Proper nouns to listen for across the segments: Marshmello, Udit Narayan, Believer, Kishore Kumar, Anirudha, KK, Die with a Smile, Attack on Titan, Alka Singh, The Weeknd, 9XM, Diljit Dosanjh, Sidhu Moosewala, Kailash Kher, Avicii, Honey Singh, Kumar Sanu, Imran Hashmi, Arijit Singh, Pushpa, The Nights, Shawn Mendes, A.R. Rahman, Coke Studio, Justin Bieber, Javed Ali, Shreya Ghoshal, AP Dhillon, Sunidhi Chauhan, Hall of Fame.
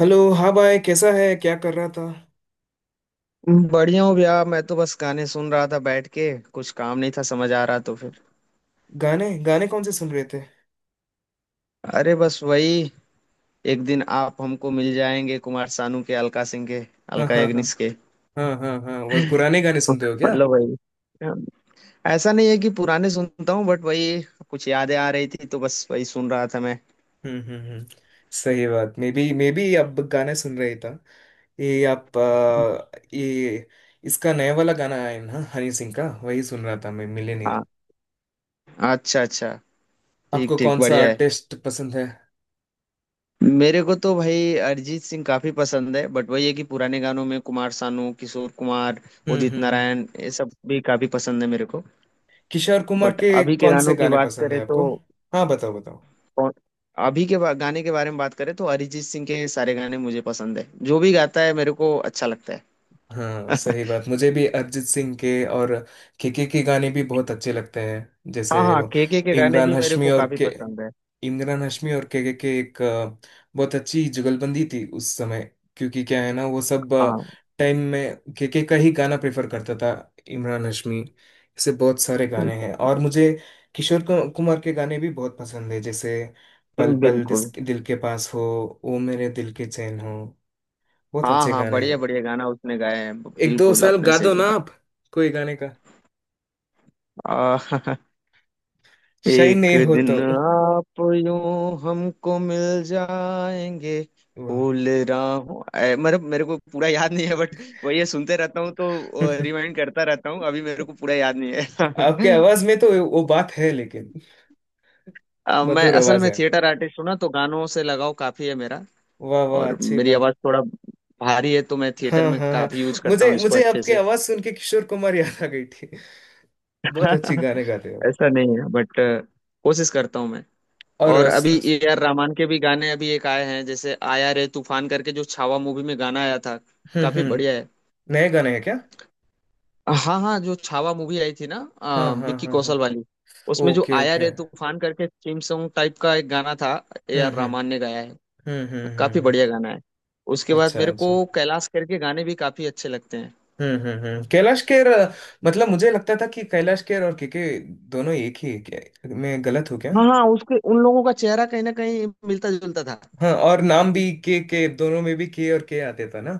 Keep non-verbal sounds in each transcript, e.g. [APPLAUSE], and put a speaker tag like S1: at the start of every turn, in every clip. S1: Hello. हाँ भाई, कैसा है? क्या कर रहा था?
S2: बढ़िया हूँ भैया। मैं तो बस गाने सुन रहा था बैठ के। कुछ काम नहीं था समझ आ रहा तो फिर
S1: गाने गाने कौन से सुन रहे थे?
S2: अरे बस वही, एक दिन आप हमको मिल जाएंगे। कुमार सानू के, अलका सिंह के,
S1: हाँ
S2: अलका
S1: हाँ हाँ।
S2: याग्निक के।
S1: हाँ हाँ हाँ, वो पुराने गाने सुनते हो क्या?
S2: मतलब वही। हाँ। ऐसा नहीं है कि पुराने सुनता हूँ बट वही कुछ यादें आ रही थी तो बस वही सुन रहा था मैं।
S1: हम्म। सही बात। मे बी अब गाने सुन रहे था। ये आप ये इसका नया वाला गाना आया है ना, हनी सिंह का। वही सुन रहा था मैं, मिलेनियर।
S2: हाँ, अच्छा अच्छा। ठीक
S1: आपको
S2: ठीक,
S1: कौन सा
S2: बढ़िया है।
S1: आर्टिस्ट पसंद है?
S2: मेरे को तो भाई अरिजीत सिंह काफी पसंद है बट वही है कि पुराने गानों में कुमार सानू, किशोर कुमार, उदित
S1: हम्म।
S2: नारायण, ये सब भी काफी पसंद है मेरे को।
S1: किशोर कुमार
S2: बट
S1: के
S2: अभी के
S1: कौन से
S2: गानों की
S1: गाने
S2: बात
S1: पसंद
S2: करें
S1: है
S2: तो
S1: आपको? हाँ बताओ बताओ।
S2: कौन- गाने के बारे में बात करें तो अरिजीत सिंह के सारे गाने मुझे पसंद है। जो भी गाता है मेरे को अच्छा लगता है।
S1: हाँ सही
S2: [LAUGHS]
S1: बात, मुझे भी अरिजीत सिंह के। और केके के गाने भी बहुत अच्छे लगते हैं,
S2: हाँ
S1: जैसे
S2: हाँ,
S1: वो
S2: के गाने
S1: इमरान
S2: भी मेरे
S1: हाशमी
S2: को
S1: और
S2: काफी
S1: के,
S2: पसंद है।
S1: इमरान हाशमी और केके के एक बहुत अच्छी जुगलबंदी थी उस समय। क्योंकि क्या है ना, वो सब
S2: हाँ
S1: टाइम में केके का ही गाना प्रेफर करता था इमरान हाशमी। ऐसे बहुत सारे गाने हैं। और मुझे किशोर कुमार के गाने भी बहुत पसंद है, जैसे पल पल
S2: बिल्कुल।
S1: दिल के पास हो, ओ मेरे दिल के चैन हो। बहुत
S2: हाँ
S1: अच्छे
S2: हाँ,
S1: गाने।
S2: बढ़िया बढ़िया गाना उसने गाए हैं।
S1: एक दो
S2: बिल्कुल
S1: साल
S2: आपने
S1: गा
S2: सही
S1: दो ना
S2: बोला।
S1: आप, कोई गाने का।
S2: आ, [LAUGHS]
S1: शाही
S2: एक
S1: नहीं हो
S2: दिन
S1: तो?
S2: आप यूं हमको मिल जाएंगे,
S1: वाह।
S2: फूल राहों मतलब मेरे को पूरा याद नहीं है बट वही है, सुनते रहता हूँ तो रिमाइंड करता रहता हूँ। अभी मेरे को पूरा
S1: [LAUGHS]
S2: याद नहीं
S1: आपके
S2: है। [LAUGHS]
S1: आवाज में तो वो बात है, लेकिन
S2: मैं
S1: मधुर
S2: असल
S1: आवाज
S2: में
S1: है।
S2: थिएटर आर्टिस्ट हूँ ना, तो गानों से लगाव काफी है मेरा।
S1: वाह वाह,
S2: और
S1: अच्छी
S2: मेरी
S1: बात।
S2: आवाज थोड़ा भारी है, तो मैं थिएटर
S1: हाँ
S2: में
S1: हाँ हाँ।
S2: काफी यूज करता
S1: मुझे
S2: हूँ इसको
S1: मुझे
S2: अच्छे
S1: आपकी
S2: से।
S1: आवाज सुन के किशोर कुमार याद आ गई थी। बहुत अच्छी
S2: [LAUGHS]
S1: गाने गाते हो।
S2: ऐसा नहीं है बट कोशिश करता हूँ मैं।
S1: और
S2: और
S1: अस-
S2: अभी
S1: अस-
S2: ए आर रहमान के भी गाने अभी एक आए हैं, जैसे आया रे तूफान करके, जो छावा मूवी में गाना आया था। काफी बढ़िया
S1: हम्म।
S2: है।
S1: नए गाने हैं क्या?
S2: हाँ हाँ, जो छावा मूवी आई थी ना,
S1: हाँ हाँ
S2: विक्की
S1: हाँ हाँ।
S2: कौशल वाली। उसमें जो
S1: ओके
S2: आया
S1: ओके।
S2: रे तूफान करके थीम सॉन्ग टाइप का एक गाना था, ए
S1: हम्म
S2: आर
S1: हम्म
S2: रहमान ने गाया है।
S1: हम्म हम्म हम्म
S2: काफी
S1: हम्म।
S2: बढ़िया गाना है। उसके बाद
S1: अच्छा
S2: मेरे को
S1: अच्छा।
S2: कैलाश खेर के गाने भी काफी अच्छे लगते हैं।
S1: हम्म, कैलाश खेर। मतलब मुझे लगता था कि कैलाश खेर और के दोनों एक ही है क्या? मैं गलत हूँ क्या?
S2: हाँ हाँ, उसके उन लोगों का चेहरा कहीं ना कहीं मिलता जुलता था।
S1: हाँ, और नाम भी के, दोनों में भी के और के आते था ना,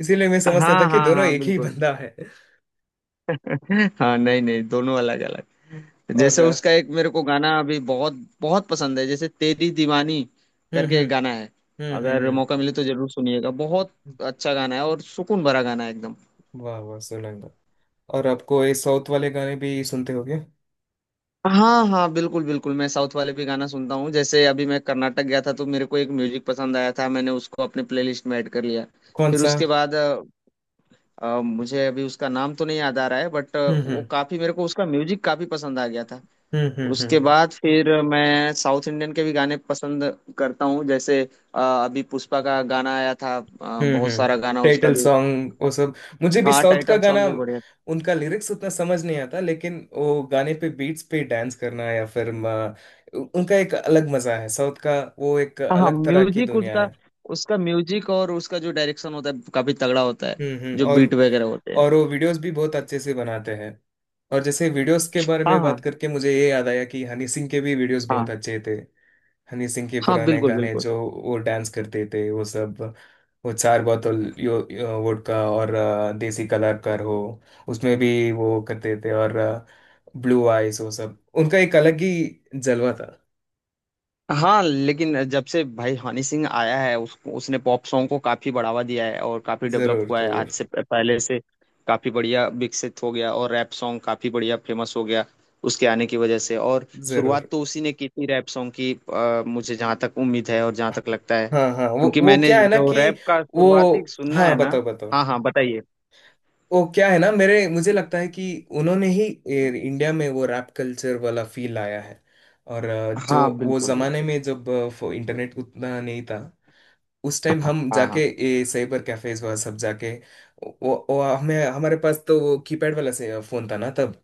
S1: इसीलिए मैं समझता था
S2: हाँ
S1: कि
S2: हाँ
S1: दोनों
S2: हाँ,
S1: एक ही
S2: बिल्कुल।
S1: बंदा है।
S2: [LAUGHS] हाँ नहीं नहीं, दोनों अलग अलग।
S1: और
S2: जैसे उसका एक मेरे को गाना अभी बहुत बहुत पसंद है, जैसे तेरी दीवानी
S1: हम्म
S2: करके
S1: हम्म
S2: एक गाना है।
S1: हम्म हम्म
S2: अगर
S1: हम्म।
S2: मौका मिले तो जरूर सुनिएगा, बहुत अच्छा गाना है। और सुकून भरा गाना है एकदम।
S1: वाह वाह सोलंगा। और आपको ये साउथ वाले गाने भी सुनते हो क्या?
S2: हाँ हाँ बिल्कुल बिल्कुल, मैं साउथ वाले भी गाना सुनता हूँ। जैसे अभी मैं कर्नाटक गया था तो मेरे को एक म्यूजिक पसंद आया था, मैंने उसको अपने प्लेलिस्ट में ऐड कर लिया।
S1: कौन
S2: फिर
S1: सा?
S2: उसके बाद मुझे अभी उसका नाम तो नहीं याद आ रहा है बट
S1: हम्म
S2: वो
S1: हम्म
S2: काफी मेरे को उसका म्यूजिक काफी पसंद आ गया था।
S1: हम्म हम्म
S2: उसके
S1: हम्म
S2: बाद फिर मैं साउथ इंडियन के भी गाने पसंद करता हूँ। जैसे अ, अभी पुष्पा का गाना आया था, बहुत
S1: हम्म।
S2: सारा गाना उसका
S1: टाइटल
S2: भी।
S1: सॉन्ग वो सब। मुझे भी
S2: हाँ
S1: साउथ का
S2: टाइटल
S1: गाना,
S2: सॉन्ग भी बढ़िया था।
S1: उनका लिरिक्स उतना समझ नहीं आता, लेकिन वो गाने पे, बीट्स पे डांस करना, या फिर उनका एक अलग मजा है। साउथ का वो एक
S2: हाँ हाँ,
S1: अलग तरह की
S2: म्यूजिक
S1: दुनिया है।
S2: उसका, उसका म्यूजिक और उसका जो डायरेक्शन होता है काफी तगड़ा होता है,
S1: हम्म।
S2: जो
S1: और
S2: बीट वगैरह होते हैं।
S1: और वो वीडियोस भी बहुत अच्छे से बनाते हैं। और जैसे वीडियोस के बारे
S2: हाँ
S1: में बात
S2: हाँ
S1: करके मुझे ये याद आया कि हनी सिंह के भी वीडियोस बहुत
S2: हाँ
S1: अच्छे थे। हनी सिंह के
S2: हाँ
S1: पुराने
S2: बिल्कुल
S1: गाने,
S2: बिल्कुल।
S1: जो वो डांस करते थे वो सब। वो चार बोतल यो, यो वोडका और देसी कलाकार हो, उसमें भी वो करते थे। और ब्लू आइज, वो सब, उनका एक अलग ही जलवा था।
S2: हाँ लेकिन जब से भाई हनी सिंह आया है उसने पॉप सॉन्ग को काफी बढ़ावा दिया है, और काफी डेवलप
S1: जरूर
S2: हुआ है आज
S1: जरूर
S2: से पहले से काफी बढ़िया विकसित हो गया, और रैप सॉन्ग काफी बढ़िया फेमस हो गया उसके आने की वजह से। और
S1: जरूर।
S2: शुरुआत तो उसी ने की थी रैप सॉन्ग की, मुझे जहाँ तक उम्मीद है और जहाँ तक लगता है,
S1: हाँ हाँ, वो
S2: क्योंकि
S1: वो
S2: मैंने
S1: क्या है ना
S2: जो
S1: कि
S2: रैप का शुरुआती
S1: वो,
S2: सुनना
S1: हाँ
S2: है ना।
S1: बताओ बताओ।
S2: हाँ हाँ बताइए।
S1: वो क्या है ना, मेरे मुझे लगता है कि उन्होंने ही इंडिया में वो रैप कल्चर वाला फील लाया है। और जो
S2: हाँ
S1: वो
S2: बिल्कुल
S1: जमाने
S2: बिल्कुल।
S1: में, जब इंटरनेट उतना नहीं था उस टाइम, हम
S2: हाँ
S1: जाके
S2: हाँ
S1: ये साइबर कैफेज वह सब जाके, वो हमें, हमारे पास तो वो कीपैड वाला से फोन था ना तब,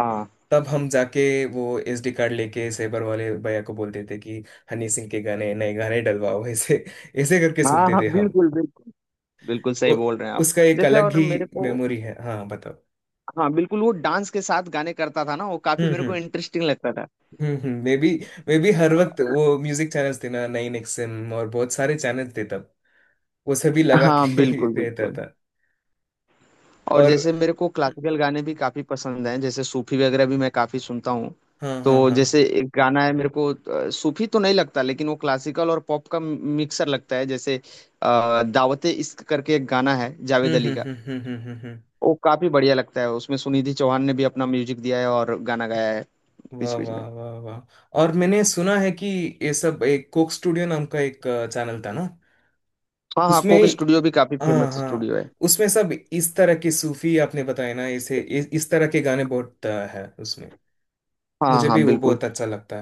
S2: हाँ
S1: तब हम जाके वो एसडी कार्ड लेके साइबर वाले भैया को बोलते थे कि हनी सिंह के गाने, नए गाने डलवाओ। [LAUGHS] ऐसे ऐसे करके
S2: हाँ
S1: सुनते
S2: हाँ
S1: थे हम।
S2: बिल्कुल बिल्कुल। बिल्कुल सही
S1: वो,
S2: बोल रहे हैं आप।
S1: उसका एक
S2: जैसे,
S1: अलग
S2: और
S1: ही
S2: मेरे को,
S1: मेमोरी है। हाँ बताओ।
S2: हाँ बिल्कुल, वो डांस के साथ गाने करता था ना, वो काफी मेरे को
S1: हम्म
S2: इंटरेस्टिंग लगता था।
S1: हम्म हम्म, मे बी मे बी हर वक्त वो म्यूजिक चैनल्स थे ना, 9XM और बहुत सारे चैनल थे तब, वो सभी लगा
S2: हाँ
S1: के
S2: बिल्कुल
S1: [LAUGHS] रहता
S2: बिल्कुल।
S1: था।
S2: और
S1: और
S2: जैसे मेरे को क्लासिकल गाने भी काफी पसंद हैं, जैसे सूफी वगैरह भी मैं काफी सुनता हूँ।
S1: हाँ हाँ
S2: तो
S1: हाँ।
S2: जैसे एक गाना है मेरे को, सूफी तो नहीं लगता लेकिन वो क्लासिकल और पॉप का मिक्सर लगता है, जैसे दावते इश्क करके एक गाना है जावेद
S1: हम्म
S2: अली
S1: हम्म
S2: का।
S1: हम्म हम्म हम्म हम्म, हम्म।
S2: वो काफी बढ़िया लगता है। उसमें सुनिधि चौहान ने भी अपना म्यूजिक दिया है और गाना गाया है
S1: वाह
S2: बीच बीच में।
S1: वाह वाह वाह। और मैंने सुना है कि ये सब एक कोक स्टूडियो नाम का एक चैनल था ना
S2: हाँ हाँ,
S1: उसमें।
S2: कोक स्टूडियो भी काफी
S1: हाँ
S2: फेमस
S1: हाँ।
S2: स्टूडियो है।
S1: उसमें सब इस तरह के सूफी, आपने बताया ना इसे, इस तरह के गाने बहुत है उसमें।
S2: हाँ
S1: मुझे
S2: हाँ
S1: भी वो
S2: बिल्कुल
S1: बहुत अच्छा लगता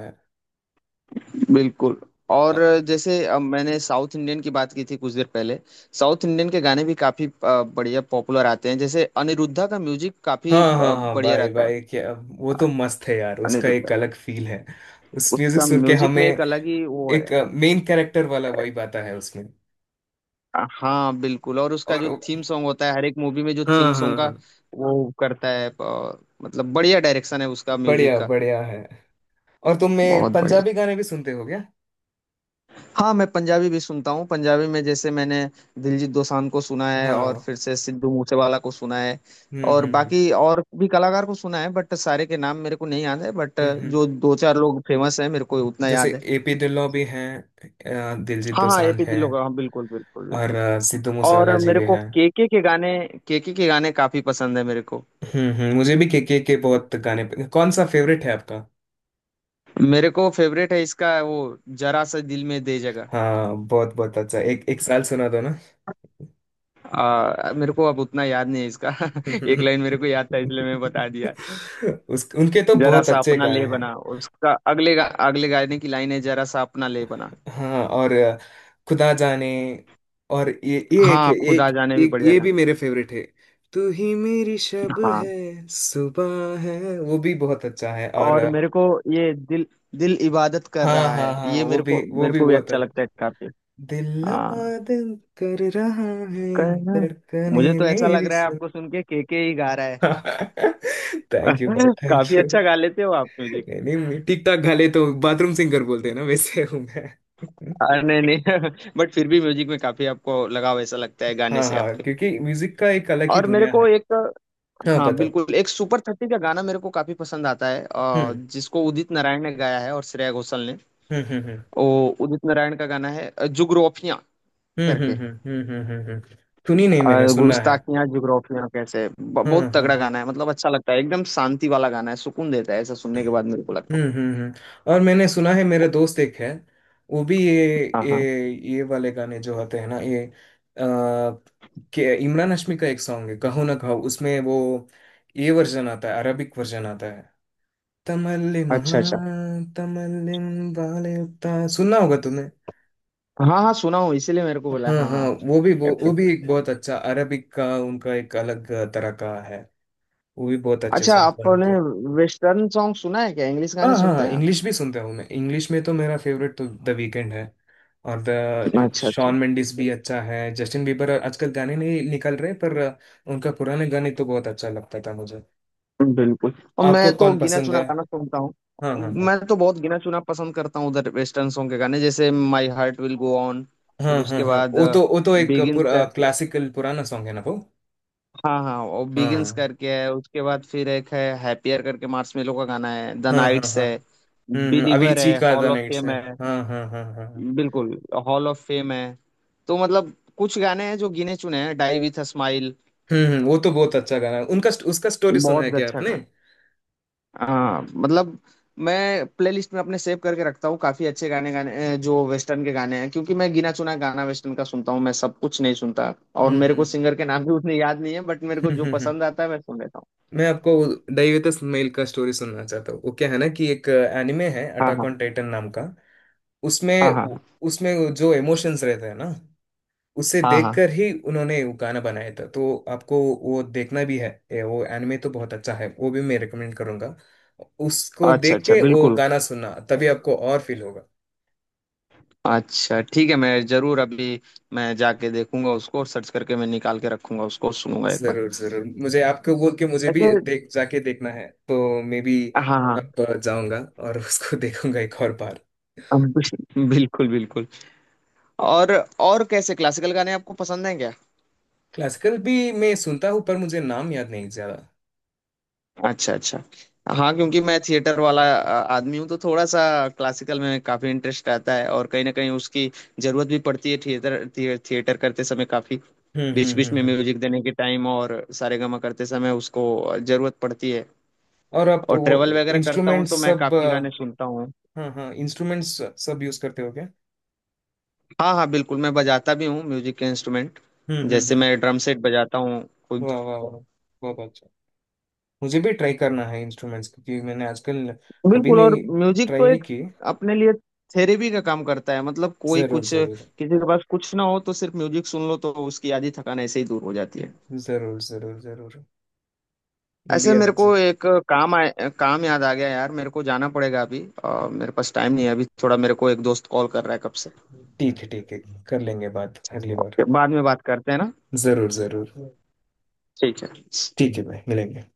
S2: बिल्कुल। और
S1: है।
S2: जैसे अब मैंने साउथ इंडियन की बात की थी कुछ देर पहले, साउथ इंडियन के गाने भी काफी बढ़िया पॉपुलर आते हैं। जैसे अनिरुद्धा का म्यूजिक काफी
S1: हाँ हाँ हाँ,
S2: बढ़िया
S1: भाई
S2: रहता है।
S1: भाई क्या, वो तो मस्त है यार, उसका
S2: अनिरुद्धा
S1: एक
S2: का।
S1: अलग फील है। उस म्यूजिक
S2: उसका
S1: सुन के
S2: म्यूजिक
S1: हमें
S2: में एक अलग ही वो
S1: एक
S2: है।
S1: मेन कैरेक्टर वाला वाइब आता है उसमें।
S2: हाँ बिल्कुल। और उसका
S1: और
S2: जो थीम सॉन्ग होता है हर एक मूवी में, जो
S1: हाँ
S2: थीम
S1: हाँ
S2: सॉन्ग का
S1: हाँ।
S2: वो करता है मतलब बढ़िया डायरेक्शन है उसका म्यूजिक
S1: बढ़िया
S2: का।
S1: बढ़िया है। और तुम में
S2: बहुत बढ़िया।
S1: पंजाबी गाने भी सुनते हो क्या?
S2: हाँ, मैं पंजाबी भी सुनता हूँ। पंजाबी में जैसे मैंने दिलजीत दोसांझ को सुना है, और
S1: हाँ।
S2: फिर से सिद्धू मूसेवाला को सुना है। और
S1: हम्म।
S2: बाकी और भी कलाकार को सुना है बट सारे के नाम मेरे को नहीं याद है बट
S1: हम्म हम्म।
S2: जो दो चार लोग फेमस हैं मेरे को उतना
S1: जैसे
S2: याद है।
S1: एपी ढिल्लों भी हैं, दिलजीत
S2: हाँ हाँ
S1: दोसांझ
S2: एपी
S1: हैं,
S2: ढिल्लो का, हाँ बिल्कुल बिल्कुल
S1: और
S2: बिल्कुल।
S1: सिद्धू मूसेवाला
S2: और
S1: जी
S2: मेरे
S1: भी
S2: को
S1: हैं।
S2: केके के गाने, केके के गाने काफी पसंद है मेरे को।
S1: हम्म, मुझे भी के बहुत गाने। कौन सा फेवरेट है आपका?
S2: मेरे को फेवरेट है इसका वो, जरा सा दिल में दे जगह।
S1: हाँ बहुत बहुत अच्छा, एक एक साल सुना दो ना।
S2: मेरे को अब उतना याद नहीं है इसका। [LAUGHS] एक लाइन
S1: [LAUGHS]
S2: मेरे को याद था इसलिए मैं बता दिया।
S1: उस उनके तो
S2: जरा
S1: बहुत
S2: सा
S1: अच्छे
S2: अपना
S1: गाने
S2: ले
S1: हैं।
S2: बना, उसका अगले अगले गाने की लाइन है, जरा सा अपना ले बना।
S1: हाँ, और खुदा जाने, और ये एक
S2: हाँ खुदा
S1: एक
S2: जाने भी
S1: एक
S2: बढ़िया
S1: ये
S2: गाना।
S1: भी मेरे फेवरेट है। तू ही मेरी शब
S2: हाँ
S1: है, सुबह है, वो भी बहुत अच्छा है। और
S2: और मेरे को ये दिल, दिल इबादत कर
S1: हाँ
S2: रहा
S1: हाँ
S2: है,
S1: हाँ,
S2: ये मेरे को,
S1: वो
S2: मेरे
S1: भी
S2: को भी
S1: बहुत
S2: अच्छा
S1: अच्छा,
S2: लगता है काफी।
S1: दिल
S2: हाँ
S1: पागल कर रहा है,
S2: कहना।
S1: धड़कने
S2: मुझे तो ऐसा लग
S1: मेरी
S2: रहा है
S1: सुन।
S2: आपको सुन के केके ही गा रहा है।
S1: [LAUGHS] थैंक यू भाई,
S2: [LAUGHS]
S1: थैंक
S2: काफी
S1: यू।
S2: अच्छा गा लेते हो आप म्यूजिक।
S1: नहीं नहीं, मैं ठीक ठाक गा लेता हूँ, बाथरूम सिंगर बोलते हैं ना, वैसे हूँ मैं।
S2: अरे नहीं नहीं। [LAUGHS] बट फिर भी म्यूजिक में काफी आपको लगाव ऐसा लगता है गाने
S1: हाँ
S2: से
S1: हाँ,
S2: आपके।
S1: क्योंकि म्यूजिक का एक अलग ही
S2: और मेरे
S1: दुनिया है।
S2: को एक,
S1: हाँ
S2: हाँ
S1: बताओ।
S2: बिल्कुल, एक सुपर थर्टी का गाना मेरे को काफी पसंद आता है,
S1: हम्म
S2: जिसको उदित नारायण ने गाया है और श्रेया घोषाल ने।
S1: हम्म हम्म
S2: वो उदित नारायण का गाना है जुगरोफियाँ
S1: हम्म हम्म
S2: करके।
S1: हम्म हम्म हम्म हम्म, हम्म। हम्म, सुनी नहीं, मैंने सुना है।
S2: गुस्ताखियां जुगरोफियाँ कैसे
S1: हाँ
S2: बहुत
S1: हाँ।
S2: तगड़ा गाना है। मतलब अच्छा लगता है। एकदम शांति वाला गाना है, सुकून देता है ऐसा सुनने के बाद मेरे को लगता
S1: हम्म
S2: है।
S1: हम्म हम्म। और मैंने सुना है, मेरे दोस्त एक है, वो भी ये
S2: हाँ हाँ।
S1: ये ये वाले गाने जो होते हैं ना, ये के इमरान हाशमी का एक सॉन्ग है, कहो ना कहो, उसमें वो ये वर्जन आता है, अरबिक वर्जन आता है। तमल्लिम,
S2: अच्छा अच्छा।
S1: हाँ तमल्लिम वाले, उता सुनना होगा तुमने।
S2: हाँ हाँ सुना हूँ, इसीलिए मेरे को बोला
S1: हाँ
S2: हाँ
S1: हाँ,
S2: हाँ।
S1: वो भी वो भी
S2: Perfect।
S1: एक बहुत अच्छा अरबिक का, उनका एक अलग तरह का है। वो भी बहुत अच्छे
S2: अच्छा,
S1: सॉन्ग्स
S2: आपने
S1: बनाते हैं।
S2: वेस्टर्न सॉन्ग सुना है क्या? इंग्लिश गाने
S1: हाँ हाँ
S2: सुनते
S1: हाँ,
S2: हैं आप?
S1: इंग्लिश भी सुनता हूँ मैं। इंग्लिश में तो मेरा फेवरेट तो द वीकेंड है, और द
S2: अच्छा अच्छा,
S1: शॉन मेंडिस भी अच्छा है। जस्टिन बीबर आजकल गाने नहीं निकल रहे, पर उनका पुराने गाने तो बहुत अच्छा लगता था मुझे।
S2: बिल्कुल। और
S1: आपको
S2: मैं तो
S1: कौन
S2: गिना
S1: पसंद
S2: चुना
S1: है?
S2: गाना सुनता हूँ।
S1: हाँ हाँ हाँ।
S2: मैं तो बहुत गिना चुना पसंद करता हूँ उधर वेस्टर्न सॉन्ग के गाने, जैसे my heart will go on. फिर
S1: हाँ हाँ
S2: उसके
S1: हाँ,
S2: बाद
S1: वो तो एक
S2: बिगिंस
S1: पूरा
S2: करके,
S1: क्लासिकल पुराना सॉन्ग है ना वो।
S2: हाँ हाँ, और बिगिंस
S1: हाँ
S2: करके है। उसके बाद फिर एक है हैप्पियर करके, मार्शमेलो का गाना है, द
S1: हाँ हाँ
S2: नाइट्स
S1: हाँ।
S2: है,
S1: हम्म,
S2: बिलीवर
S1: अविची
S2: है,
S1: का the
S2: hall of
S1: nights
S2: fame
S1: है।
S2: है।
S1: हाँ हाँ हाँ हाँ हाँ।
S2: बिल्कुल, हॉल ऑफ फेम है। तो मतलब कुछ गाने हैं जो गिने चुने हैं। डाई विथ अ स्माइल,
S1: वो तो बहुत अच्छा गाना है। उनका उसका स्टोरी सुना है
S2: बहुत
S1: क्या
S2: अच्छा
S1: आपने?
S2: गाना। हाँ मतलब मैं प्लेलिस्ट में अपने सेव करके रखता हूँ काफी अच्छे गाने गाने जो वेस्टर्न के गाने हैं, क्योंकि मैं गिना चुना गाना वेस्टर्न का सुनता हूँ, मैं सब कुछ नहीं सुनता। और
S1: हम्म
S2: मेरे को
S1: हम्म
S2: सिंगर के नाम भी उतने याद नहीं है बट मेरे को
S1: हम्म
S2: जो
S1: हम्म, हम्म।
S2: पसंद आता है मैं सुन लेता हूँ।
S1: मैं आपको दैवेतस मेल का स्टोरी सुनना चाहता हूँ। वो क्या है ना कि एक एनिमे है
S2: हाँ
S1: अटाक
S2: हाँ
S1: ऑन टाइटन नाम का, उसमें,
S2: हाँ हाँ
S1: उसमें जो इमोशंस रहते हैं ना, उसे
S2: हाँ हाँ।
S1: देखकर ही उन्होंने वो गाना बनाया था। तो आपको वो देखना भी है ये, वो एनिमे तो बहुत अच्छा है, वो भी मैं रिकमेंड करूंगा। उसको
S2: अच्छा
S1: देख
S2: अच्छा,
S1: के वो
S2: बिल्कुल।
S1: गाना सुनना, तभी आपको और फील होगा।
S2: अच्छा ठीक है, मैं जरूर अभी, मैं जाके देखूंगा उसको और सर्च करके मैं निकाल के रखूंगा उसको और सुनूंगा एक बार।
S1: जरूर जरूर, मुझे आपको बोल के, मुझे भी
S2: ऐसे
S1: देख, जाके देखना है, तो मे बी
S2: हाँ हाँ
S1: अब जाऊंगा और उसको [LAUGHS] देखूंगा एक और बार।
S2: बिल्कुल बिल्कुल। और और कैसे, क्लासिकल गाने आपको पसंद हैं क्या?
S1: क्लासिकल भी मैं सुनता हूँ, पर मुझे नाम याद नहीं ज्यादा।
S2: अच्छा अच्छा। हाँ क्योंकि मैं थिएटर वाला आदमी हूँ तो थोड़ा सा क्लासिकल में काफी इंटरेस्ट आता है। और कहीं ना कहीं उसकी जरूरत भी पड़ती है, थिएटर थिएटर करते समय काफी,
S1: हम्म हम्म
S2: बीच बीच
S1: हम्म
S2: में
S1: हम्म।
S2: म्यूजिक देने के टाइम और सारेगामा करते समय, उसको जरूरत पड़ती है।
S1: और आप
S2: और
S1: वो
S2: ट्रेवल वगैरह करता हूँ
S1: इंस्ट्रूमेंट्स
S2: तो मैं
S1: सब
S2: काफी गाने सुनता हूँ।
S1: हाँ हाँ, इंस्ट्रूमेंट्स सब यूज करते हो क्या?
S2: हाँ हाँ बिल्कुल, मैं बजाता भी हूँ म्यूजिक के इंस्ट्रूमेंट। जैसे
S1: हम्म।
S2: मैं ड्रम सेट बजाता हूँ।
S1: वाह वाह वाह, बहुत अच्छा। मुझे भी ट्राई करना है इंस्ट्रूमेंट्स, क्योंकि मैंने आजकल कभी
S2: बिल्कुल, और
S1: नहीं
S2: म्यूजिक
S1: ट्राई
S2: तो
S1: नहीं
S2: एक
S1: की।
S2: अपने लिए थेरेपी का काम करता है। मतलब कोई
S1: जरूर
S2: कुछ,
S1: जरूर
S2: किसी के पास कुछ ना हो तो सिर्फ म्यूजिक सुन लो तो उसकी आधी थकान ऐसे ही दूर हो जाती है।
S1: जरूर जरूर जरूर। मे बी
S2: ऐसे मेरे को
S1: आज।
S2: एक काम याद आ गया यार, मेरे को जाना पड़ेगा अभी, मेरे पास टाइम नहीं है अभी थोड़ा, मेरे को एक दोस्त कॉल कर रहा है कब से।
S1: ठीक है ठीक है, कर लेंगे बात अगली बार।
S2: ओके, बाद में बात करते हैं ना।
S1: जरूर जरूर।
S2: ठीक है।
S1: ठीक है भाई, मिलेंगे।